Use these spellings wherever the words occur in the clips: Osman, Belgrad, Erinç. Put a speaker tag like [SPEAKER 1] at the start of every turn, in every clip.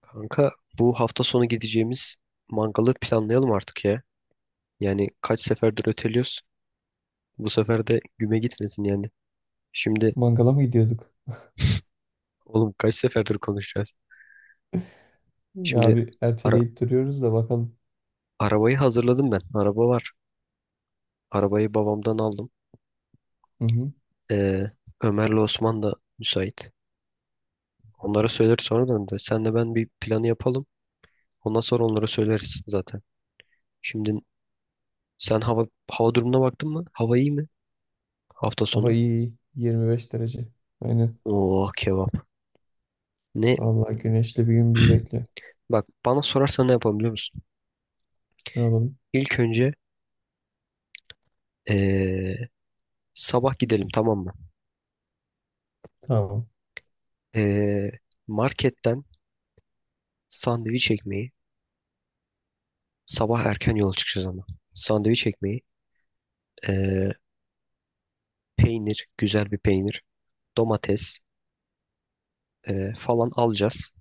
[SPEAKER 1] Kanka bu hafta sonu gideceğimiz mangalı planlayalım artık ya. Yani kaç seferdir öteliyoruz. Bu sefer de güme gitmesin yani. Şimdi
[SPEAKER 2] Mangala mı gidiyorduk?
[SPEAKER 1] oğlum kaç seferdir konuşacağız. Şimdi
[SPEAKER 2] Ya bir
[SPEAKER 1] ara-
[SPEAKER 2] erteleyip duruyoruz da bakalım.
[SPEAKER 1] arabayı hazırladım ben. Araba var. Arabayı babamdan aldım.
[SPEAKER 2] Hı hı.
[SPEAKER 1] Ee, Ömer'le Osman da müsait. Onlara söyleriz sonradan da. Senle ben bir planı yapalım. Ondan sonra onlara söyleriz zaten. Şimdi sen hava durumuna baktın mı? Hava iyi mi? Hafta
[SPEAKER 2] Hava
[SPEAKER 1] sonu.
[SPEAKER 2] iyi, iyi. 25 derece. Aynen.
[SPEAKER 1] Oo kebap. Ne?
[SPEAKER 2] Vallahi güneşli bir gün bizi bekliyor.
[SPEAKER 1] Bak bana sorarsan ne yapalım biliyor musun?
[SPEAKER 2] Ne yapalım?
[SPEAKER 1] İlk önce eee, sabah gidelim, tamam mı?
[SPEAKER 2] Tamam.
[SPEAKER 1] Eee, marketten sandviç ekmeği, sabah erken yola çıkacağız ama. Sandviç ekmeği, eee, peynir, güzel bir peynir, domates falan alacağız.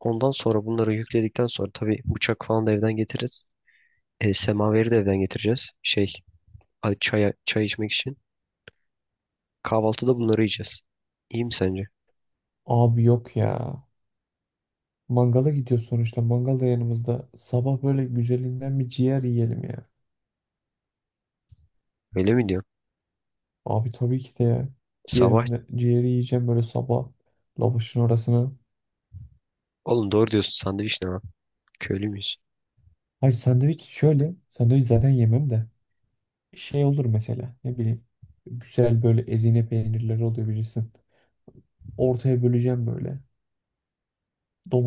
[SPEAKER 1] Ondan sonra bunları yükledikten sonra tabii bıçak falan da evden getiririz. Semaveri de evden getireceğiz. Çay içmek için. Kahvaltıda bunları yiyeceğiz. İyi mi sence?
[SPEAKER 2] Abi yok ya. Mangala gidiyor sonuçta. Mangal da yanımızda. Sabah böyle güzelinden bir ciğer yiyelim ya.
[SPEAKER 1] Öyle mi diyorsun?
[SPEAKER 2] Abi tabii ki de ya.
[SPEAKER 1] Sabah
[SPEAKER 2] Ciğeri yiyeceğim böyle sabah. Lavaşın orasını.
[SPEAKER 1] oğlum doğru diyorsun, sandviç ne lan? Köylü müyüz?
[SPEAKER 2] Hayır, sandviç şöyle. Sandviç zaten yemem de. Şey olur mesela. Ne bileyim. Güzel böyle ezine peynirleri oluyor bilirsin. Ortaya böleceğim böyle.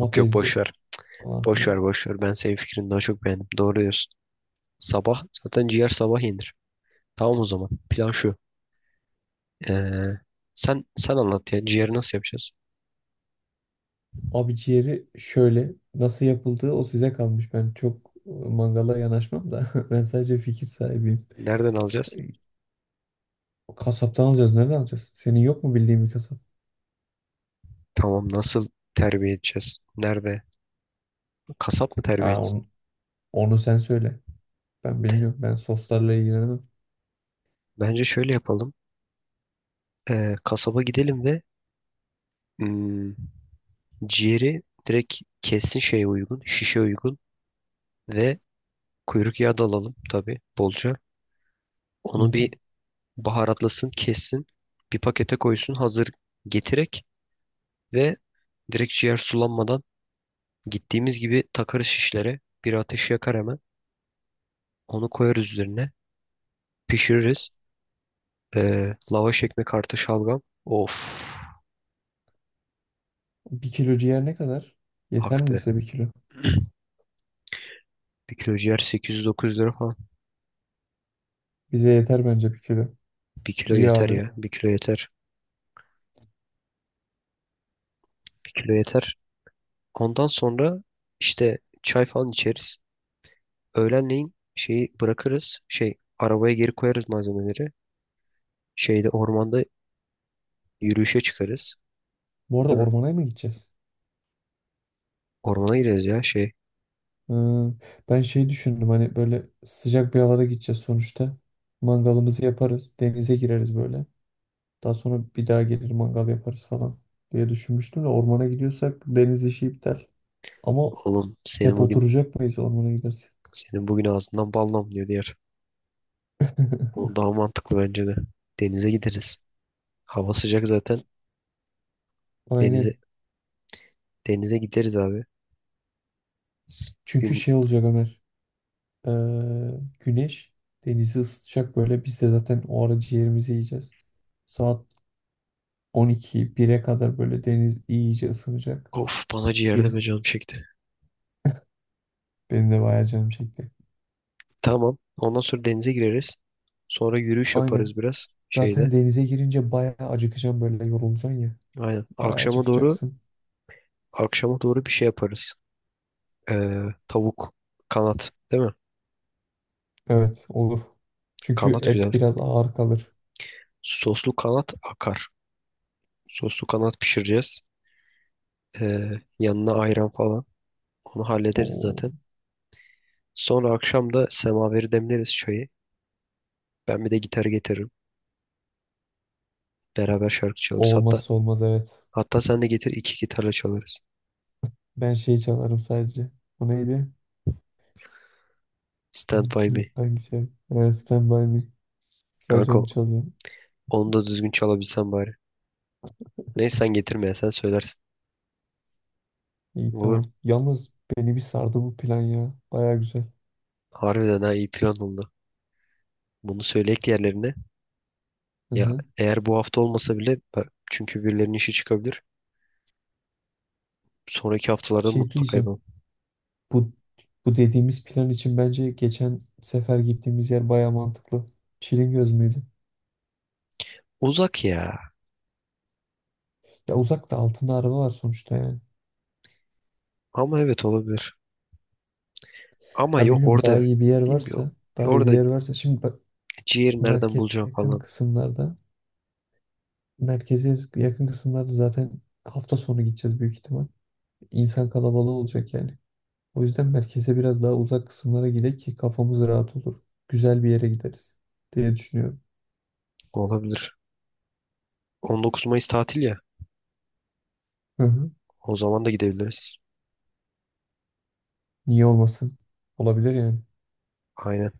[SPEAKER 1] Yok yok, boş ver.
[SPEAKER 2] falan
[SPEAKER 1] Boş
[SPEAKER 2] filan.
[SPEAKER 1] ver boş ver. Ben senin fikrini daha çok beğendim. Doğru diyorsun. Sabah zaten ciğer, sabah yenir. Tamam o zaman. Plan şu. Ee, sen anlat ya. Ciğeri nasıl yapacağız?
[SPEAKER 2] Abi ciğeri şöyle, nasıl yapıldığı o size kalmış. Ben çok mangala yanaşmam da ben sadece fikir sahibiyim.
[SPEAKER 1] Nereden alacağız?
[SPEAKER 2] E, Kasaptan alacağız. Nereden alacağız? Senin yok mu bildiğin bir kasap?
[SPEAKER 1] Tamam, nasıl terbiye edeceğiz? Nerede? Kasap mı terbiye
[SPEAKER 2] Ha,
[SPEAKER 1] etsin?
[SPEAKER 2] onu sen söyle. Ben bilmiyorum. Ben soslarla ilgilenemem.
[SPEAKER 1] Bence şöyle yapalım. Kasaba gidelim ve hmm, ciğeri direkt kessin, şeye uygun, şişe uygun ve kuyruk yağı da alalım tabii bolca.
[SPEAKER 2] Hı
[SPEAKER 1] Onu
[SPEAKER 2] hı.
[SPEAKER 1] bir baharatlasın, kessin, bir pakete koysun, hazır getirerek. Ve direkt ciğer sulanmadan gittiğimiz gibi takarız şişlere. Bir ateş yakar hemen. Onu koyarız üzerine. Pişiririz. Lavaş ekmek artı şalgam. Of
[SPEAKER 2] Bir kilo ciğer ne kadar? Yeter mi
[SPEAKER 1] aktı.
[SPEAKER 2] bize bir kilo?
[SPEAKER 1] Bir kilo ciğer 800-900 lira falan.
[SPEAKER 2] Bize yeter bence bir kilo.
[SPEAKER 1] Bir kilo
[SPEAKER 2] İyi
[SPEAKER 1] yeter
[SPEAKER 2] abi.
[SPEAKER 1] ya. Bir kilo yeter. Bir kilo yeter. Ondan sonra işte çay falan içeriz. Öğlenleyin şeyi bırakırız. Şey, arabaya geri koyarız malzemeleri. Şeyde, ormanda yürüyüşe çıkarız.
[SPEAKER 2] Bu arada
[SPEAKER 1] Değil mi?
[SPEAKER 2] ormana mı gideceğiz?
[SPEAKER 1] Ormana gireriz ya şey.
[SPEAKER 2] Hı, ben şey düşündüm, hani böyle sıcak bir havada gideceğiz sonuçta. Mangalımızı yaparız. Denize gireriz böyle. Daha sonra bir daha gelir mangal yaparız falan diye düşünmüştüm de, ormana gidiyorsak deniz işi iptal. Ama
[SPEAKER 1] Oğlum seni
[SPEAKER 2] hep
[SPEAKER 1] bugün
[SPEAKER 2] oturacak mıyız ormana gidersek?
[SPEAKER 1] Senin bugün ağzından bal damlıyor diğer. O daha mantıklı bence de. Denize gideriz. Hava sıcak zaten. Denize
[SPEAKER 2] Aynen.
[SPEAKER 1] denize gideriz abi. S-
[SPEAKER 2] Çünkü
[SPEAKER 1] Gün
[SPEAKER 2] şey olacak Ömer. Ee, Güneş denizi ısıtacak böyle. Biz de zaten o ara ciğerimizi yiyeceğiz. Saat 12 1'e kadar böyle deniz iyice ısınacak.
[SPEAKER 1] of bana ciğerde
[SPEAKER 2] Gir,
[SPEAKER 1] ve canım çekti.
[SPEAKER 2] benim de bayağı canım çekti.
[SPEAKER 1] Tamam. Ondan sonra denize gireriz. Sonra yürüyüş
[SPEAKER 2] Aynen.
[SPEAKER 1] yaparız biraz
[SPEAKER 2] Zaten
[SPEAKER 1] şeyde.
[SPEAKER 2] denize girince bayağı acıkacağım, böyle yorulacaksın ya.
[SPEAKER 1] Aynen.
[SPEAKER 2] Bayağı
[SPEAKER 1] Akşama doğru
[SPEAKER 2] acıkacaksın.
[SPEAKER 1] akşama doğru bir şey yaparız. Ee, tavuk kanat değil mi?
[SPEAKER 2] Evet, olur. Çünkü
[SPEAKER 1] Kanat güzel.
[SPEAKER 2] et biraz ağır kalır.
[SPEAKER 1] Soslu kanat akar. Soslu kanat pişireceğiz. Ee, yanına ayran falan. Onu hallederiz
[SPEAKER 2] O,
[SPEAKER 1] zaten. Sonra akşam da semaveri demleriz, çayı. Ben bir de gitar getiririm. Beraber şarkı çalarız.
[SPEAKER 2] o
[SPEAKER 1] Hatta
[SPEAKER 2] olmazsa olmaz, evet.
[SPEAKER 1] hatta sen de getir, iki gitarla çalarız.
[SPEAKER 2] Ben şey çalarım sadece. O neydi?
[SPEAKER 1] Stand By Me.
[SPEAKER 2] Hangi şey? Evet, Stand By Me. Sadece
[SPEAKER 1] Kanka,
[SPEAKER 2] onu çalıyorum.
[SPEAKER 1] onu da düzgün çalabilsen bari. Neyse, sen getirme ya, sen söylersin.
[SPEAKER 2] İyi,
[SPEAKER 1] Olur.
[SPEAKER 2] tamam. Yalnız beni bir sardı bu plan ya. Baya güzel.
[SPEAKER 1] Harbiden ha, iyi plan oldu. Bunu söyleyek yerlerine.
[SPEAKER 2] Hı
[SPEAKER 1] Ya
[SPEAKER 2] hı.
[SPEAKER 1] eğer bu hafta olmasa bile ben- çünkü birilerinin işi çıkabilir. Sonraki haftalarda
[SPEAKER 2] Şey
[SPEAKER 1] mutlaka
[SPEAKER 2] diyeceğim.
[SPEAKER 1] yapalım.
[SPEAKER 2] Bu bu dediğimiz plan için bence geçen sefer gittiğimiz yer baya mantıklı. Çilingöz müydü?
[SPEAKER 1] Uzak ya.
[SPEAKER 2] Ya uzakta, altında araba var sonuçta yani.
[SPEAKER 1] Ama evet, olabilir. Ama
[SPEAKER 2] Ha,
[SPEAKER 1] yok,
[SPEAKER 2] bilmiyorum, daha
[SPEAKER 1] orada
[SPEAKER 2] iyi bir yer
[SPEAKER 1] bilmiyorum.
[SPEAKER 2] varsa
[SPEAKER 1] Orada
[SPEAKER 2] şimdi bak,
[SPEAKER 1] ciğeri nereden
[SPEAKER 2] merkeze
[SPEAKER 1] bulacağım
[SPEAKER 2] yakın
[SPEAKER 1] falan.
[SPEAKER 2] kısımlarda merkeze yakın kısımlarda zaten hafta sonu gideceğiz büyük ihtimal. İnsan kalabalığı olacak yani. O yüzden merkeze biraz daha uzak kısımlara gidelim ki kafamız rahat olur. Güzel bir yere gideriz diye düşünüyorum.
[SPEAKER 1] Olabilir. 19 Mayıs tatil ya.
[SPEAKER 2] Hı hı.
[SPEAKER 1] O zaman da gidebiliriz.
[SPEAKER 2] Niye olmasın? Olabilir yani.
[SPEAKER 1] Aynen.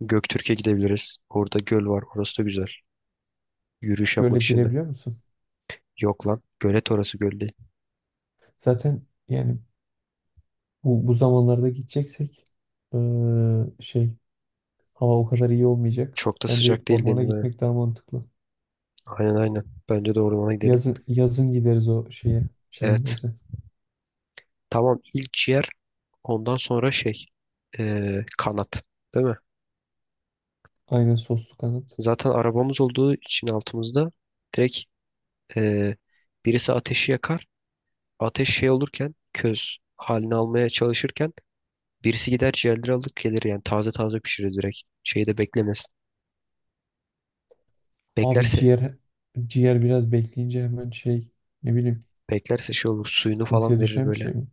[SPEAKER 1] Göktürk'e gidebiliriz. Orada göl var. Orası da güzel. Yürüyüş
[SPEAKER 2] Göle
[SPEAKER 1] yapmak için de.
[SPEAKER 2] girebiliyor musun?
[SPEAKER 1] Yok lan. Gölet orası, göl değil.
[SPEAKER 2] Zaten yani bu zamanlarda gideceksek şey, hava o kadar iyi olmayacak.
[SPEAKER 1] Çok da
[SPEAKER 2] Bence
[SPEAKER 1] sıcak değil
[SPEAKER 2] ormana
[SPEAKER 1] deniliyor.
[SPEAKER 2] gitmek daha mantıklı.
[SPEAKER 1] Aynen aynen. Bence de ormana gidelim.
[SPEAKER 2] Yazın gideriz o şeye.
[SPEAKER 1] Evet.
[SPEAKER 2] Çilingöz'e.
[SPEAKER 1] Tamam, ilk ciğer. Ondan sonra şey, kanat. Değil mi?
[SPEAKER 2] Aynen, soslu kanat.
[SPEAKER 1] Zaten arabamız olduğu için altımızda direkt eee, birisi ateşi yakar. Ateş şey olurken, köz halini almaya çalışırken birisi gider ciğerleri alır gelir, yani taze taze pişiririz direkt. Şeyi de beklemez.
[SPEAKER 2] Abi
[SPEAKER 1] Beklerse,
[SPEAKER 2] ciğer biraz bekleyince hemen şey, ne bileyim,
[SPEAKER 1] beklerse şey olur, suyunu falan
[SPEAKER 2] sıkıntıya
[SPEAKER 1] verir
[SPEAKER 2] düşen bir
[SPEAKER 1] böyle.
[SPEAKER 2] şey mi?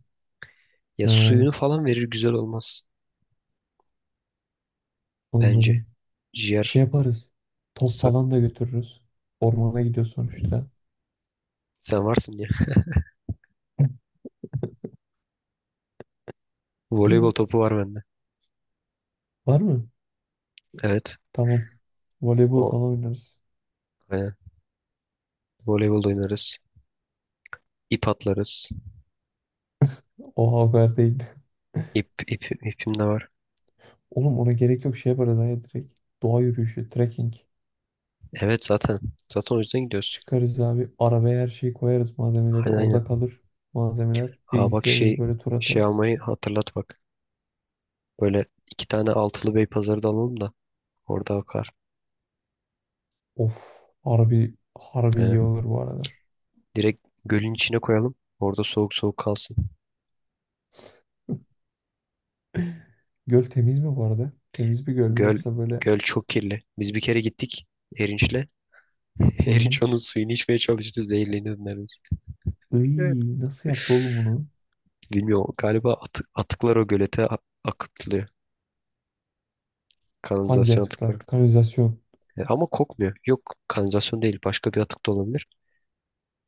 [SPEAKER 1] Ya, suyunu
[SPEAKER 2] Ha,
[SPEAKER 1] falan verir, güzel olmaz bence.
[SPEAKER 2] anladım.
[SPEAKER 1] Ciğer
[SPEAKER 2] Şey yaparız. Top
[SPEAKER 1] sak
[SPEAKER 2] falan da götürürüz. Ormana gidiyor sonuçta.
[SPEAKER 1] sen varsın ya.
[SPEAKER 2] Hı.
[SPEAKER 1] Voleybol topu var bende.
[SPEAKER 2] Var mı?
[SPEAKER 1] Evet.
[SPEAKER 2] Tamam. Voleybol
[SPEAKER 1] O.
[SPEAKER 2] falan oynarız.
[SPEAKER 1] Aynen. Voleybol da oynarız. İp atlarız.
[SPEAKER 2] Oha, o kadar değil.
[SPEAKER 1] İp, ip, ipim de var.
[SPEAKER 2] Oğlum, ona gerek yok, şey yaparız ha ya, direkt. Doğa yürüyüşü, trekking.
[SPEAKER 1] Evet zaten. Zaten o yüzden gidiyoruz.
[SPEAKER 2] Çıkarız abi. Arabaya her şeyi koyarız, malzemeleri.
[SPEAKER 1] Aynen aynen.
[SPEAKER 2] Orada kalır malzemeler.
[SPEAKER 1] Aa bak,
[SPEAKER 2] Bilgisayarız
[SPEAKER 1] şey
[SPEAKER 2] böyle, tur
[SPEAKER 1] şey
[SPEAKER 2] atarız.
[SPEAKER 1] almayı hatırlat bak. Böyle iki tane altılı bey pazarı da alalım da orada bakar.
[SPEAKER 2] Of. Harbi,
[SPEAKER 1] Ee,
[SPEAKER 2] iyi olur bu arada.
[SPEAKER 1] Direkt gölün içine koyalım. Orada soğuk soğuk kalsın.
[SPEAKER 2] Göl temiz mi bu arada? Temiz bir göl mü,
[SPEAKER 1] Göl
[SPEAKER 2] yoksa böyle...
[SPEAKER 1] göl çok kirli. Biz bir kere gittik Erinç'le.
[SPEAKER 2] Hı hı.
[SPEAKER 1] Erinç onun suyunu içmeye çalıştı. Zehirleniyordu neredeyse. Evet.
[SPEAKER 2] Iy, nasıl yaptı oğlum bunu?
[SPEAKER 1] Bilmiyorum, galiba atıklar o gölete akıtılıyor.
[SPEAKER 2] Hangi
[SPEAKER 1] Kanalizasyon atıkları.
[SPEAKER 2] atıklar? Kanalizasyon.
[SPEAKER 1] Ama kokmuyor. Yok, kanalizasyon değil. Başka bir atık da olabilir.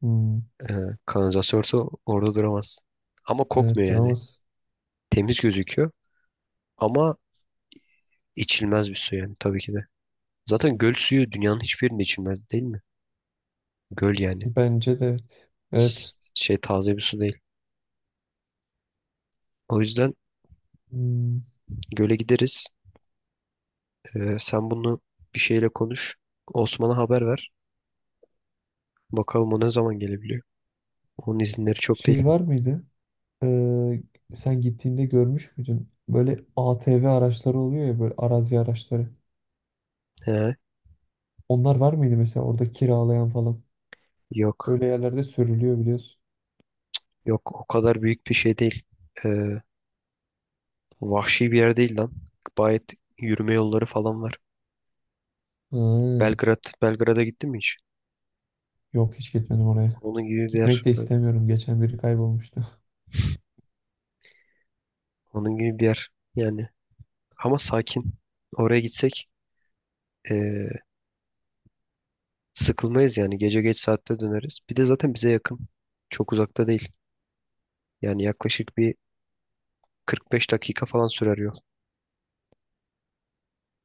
[SPEAKER 2] Hmm,
[SPEAKER 1] E, kanalizasyon olsa orada duramaz. Ama kokmuyor
[SPEAKER 2] evet,
[SPEAKER 1] yani.
[SPEAKER 2] duramaz.
[SPEAKER 1] Temiz gözüküyor ama içilmez bir su yani tabii ki de. Zaten göl suyu dünyanın hiçbir yerinde içilmez, değil mi? Göl yani.
[SPEAKER 2] Bence de evet. Evet.
[SPEAKER 1] S- şey, taze bir su değil. O yüzden
[SPEAKER 2] Hmm,
[SPEAKER 1] göle gideriz. Sen bunu bir şeyle konuş. Osman'a haber ver. Bakalım o ne zaman gelebiliyor. Onun izinleri çok değil.
[SPEAKER 2] şey var mıydı? Ee, Sen gittiğinde görmüş müydün? Böyle ATV araçları oluyor ya, böyle arazi araçları.
[SPEAKER 1] He,
[SPEAKER 2] Onlar var mıydı mesela, orada kiralayan falan?
[SPEAKER 1] yok.
[SPEAKER 2] Böyle yerlerde sürülüyor, biliyorsun.
[SPEAKER 1] Yok, o kadar büyük bir şey değil. Ee, vahşi bir yer değil lan. Gayet yürüme yolları falan var.
[SPEAKER 2] Ha,
[SPEAKER 1] Belgrad'a gittin mi hiç?
[SPEAKER 2] yok, hiç gitmedim oraya.
[SPEAKER 1] Onun gibi bir yer
[SPEAKER 2] Gitmek de
[SPEAKER 1] böyle.
[SPEAKER 2] istemiyorum. Geçen biri kaybolmuştu.
[SPEAKER 1] Onun gibi bir yer yani. Ama sakin. Oraya gitsek ee, sıkılmayız yani. Gece geç saatte döneriz. Bir de zaten bize yakın. Çok uzakta değil. Yani yaklaşık bir 45 dakika falan sürer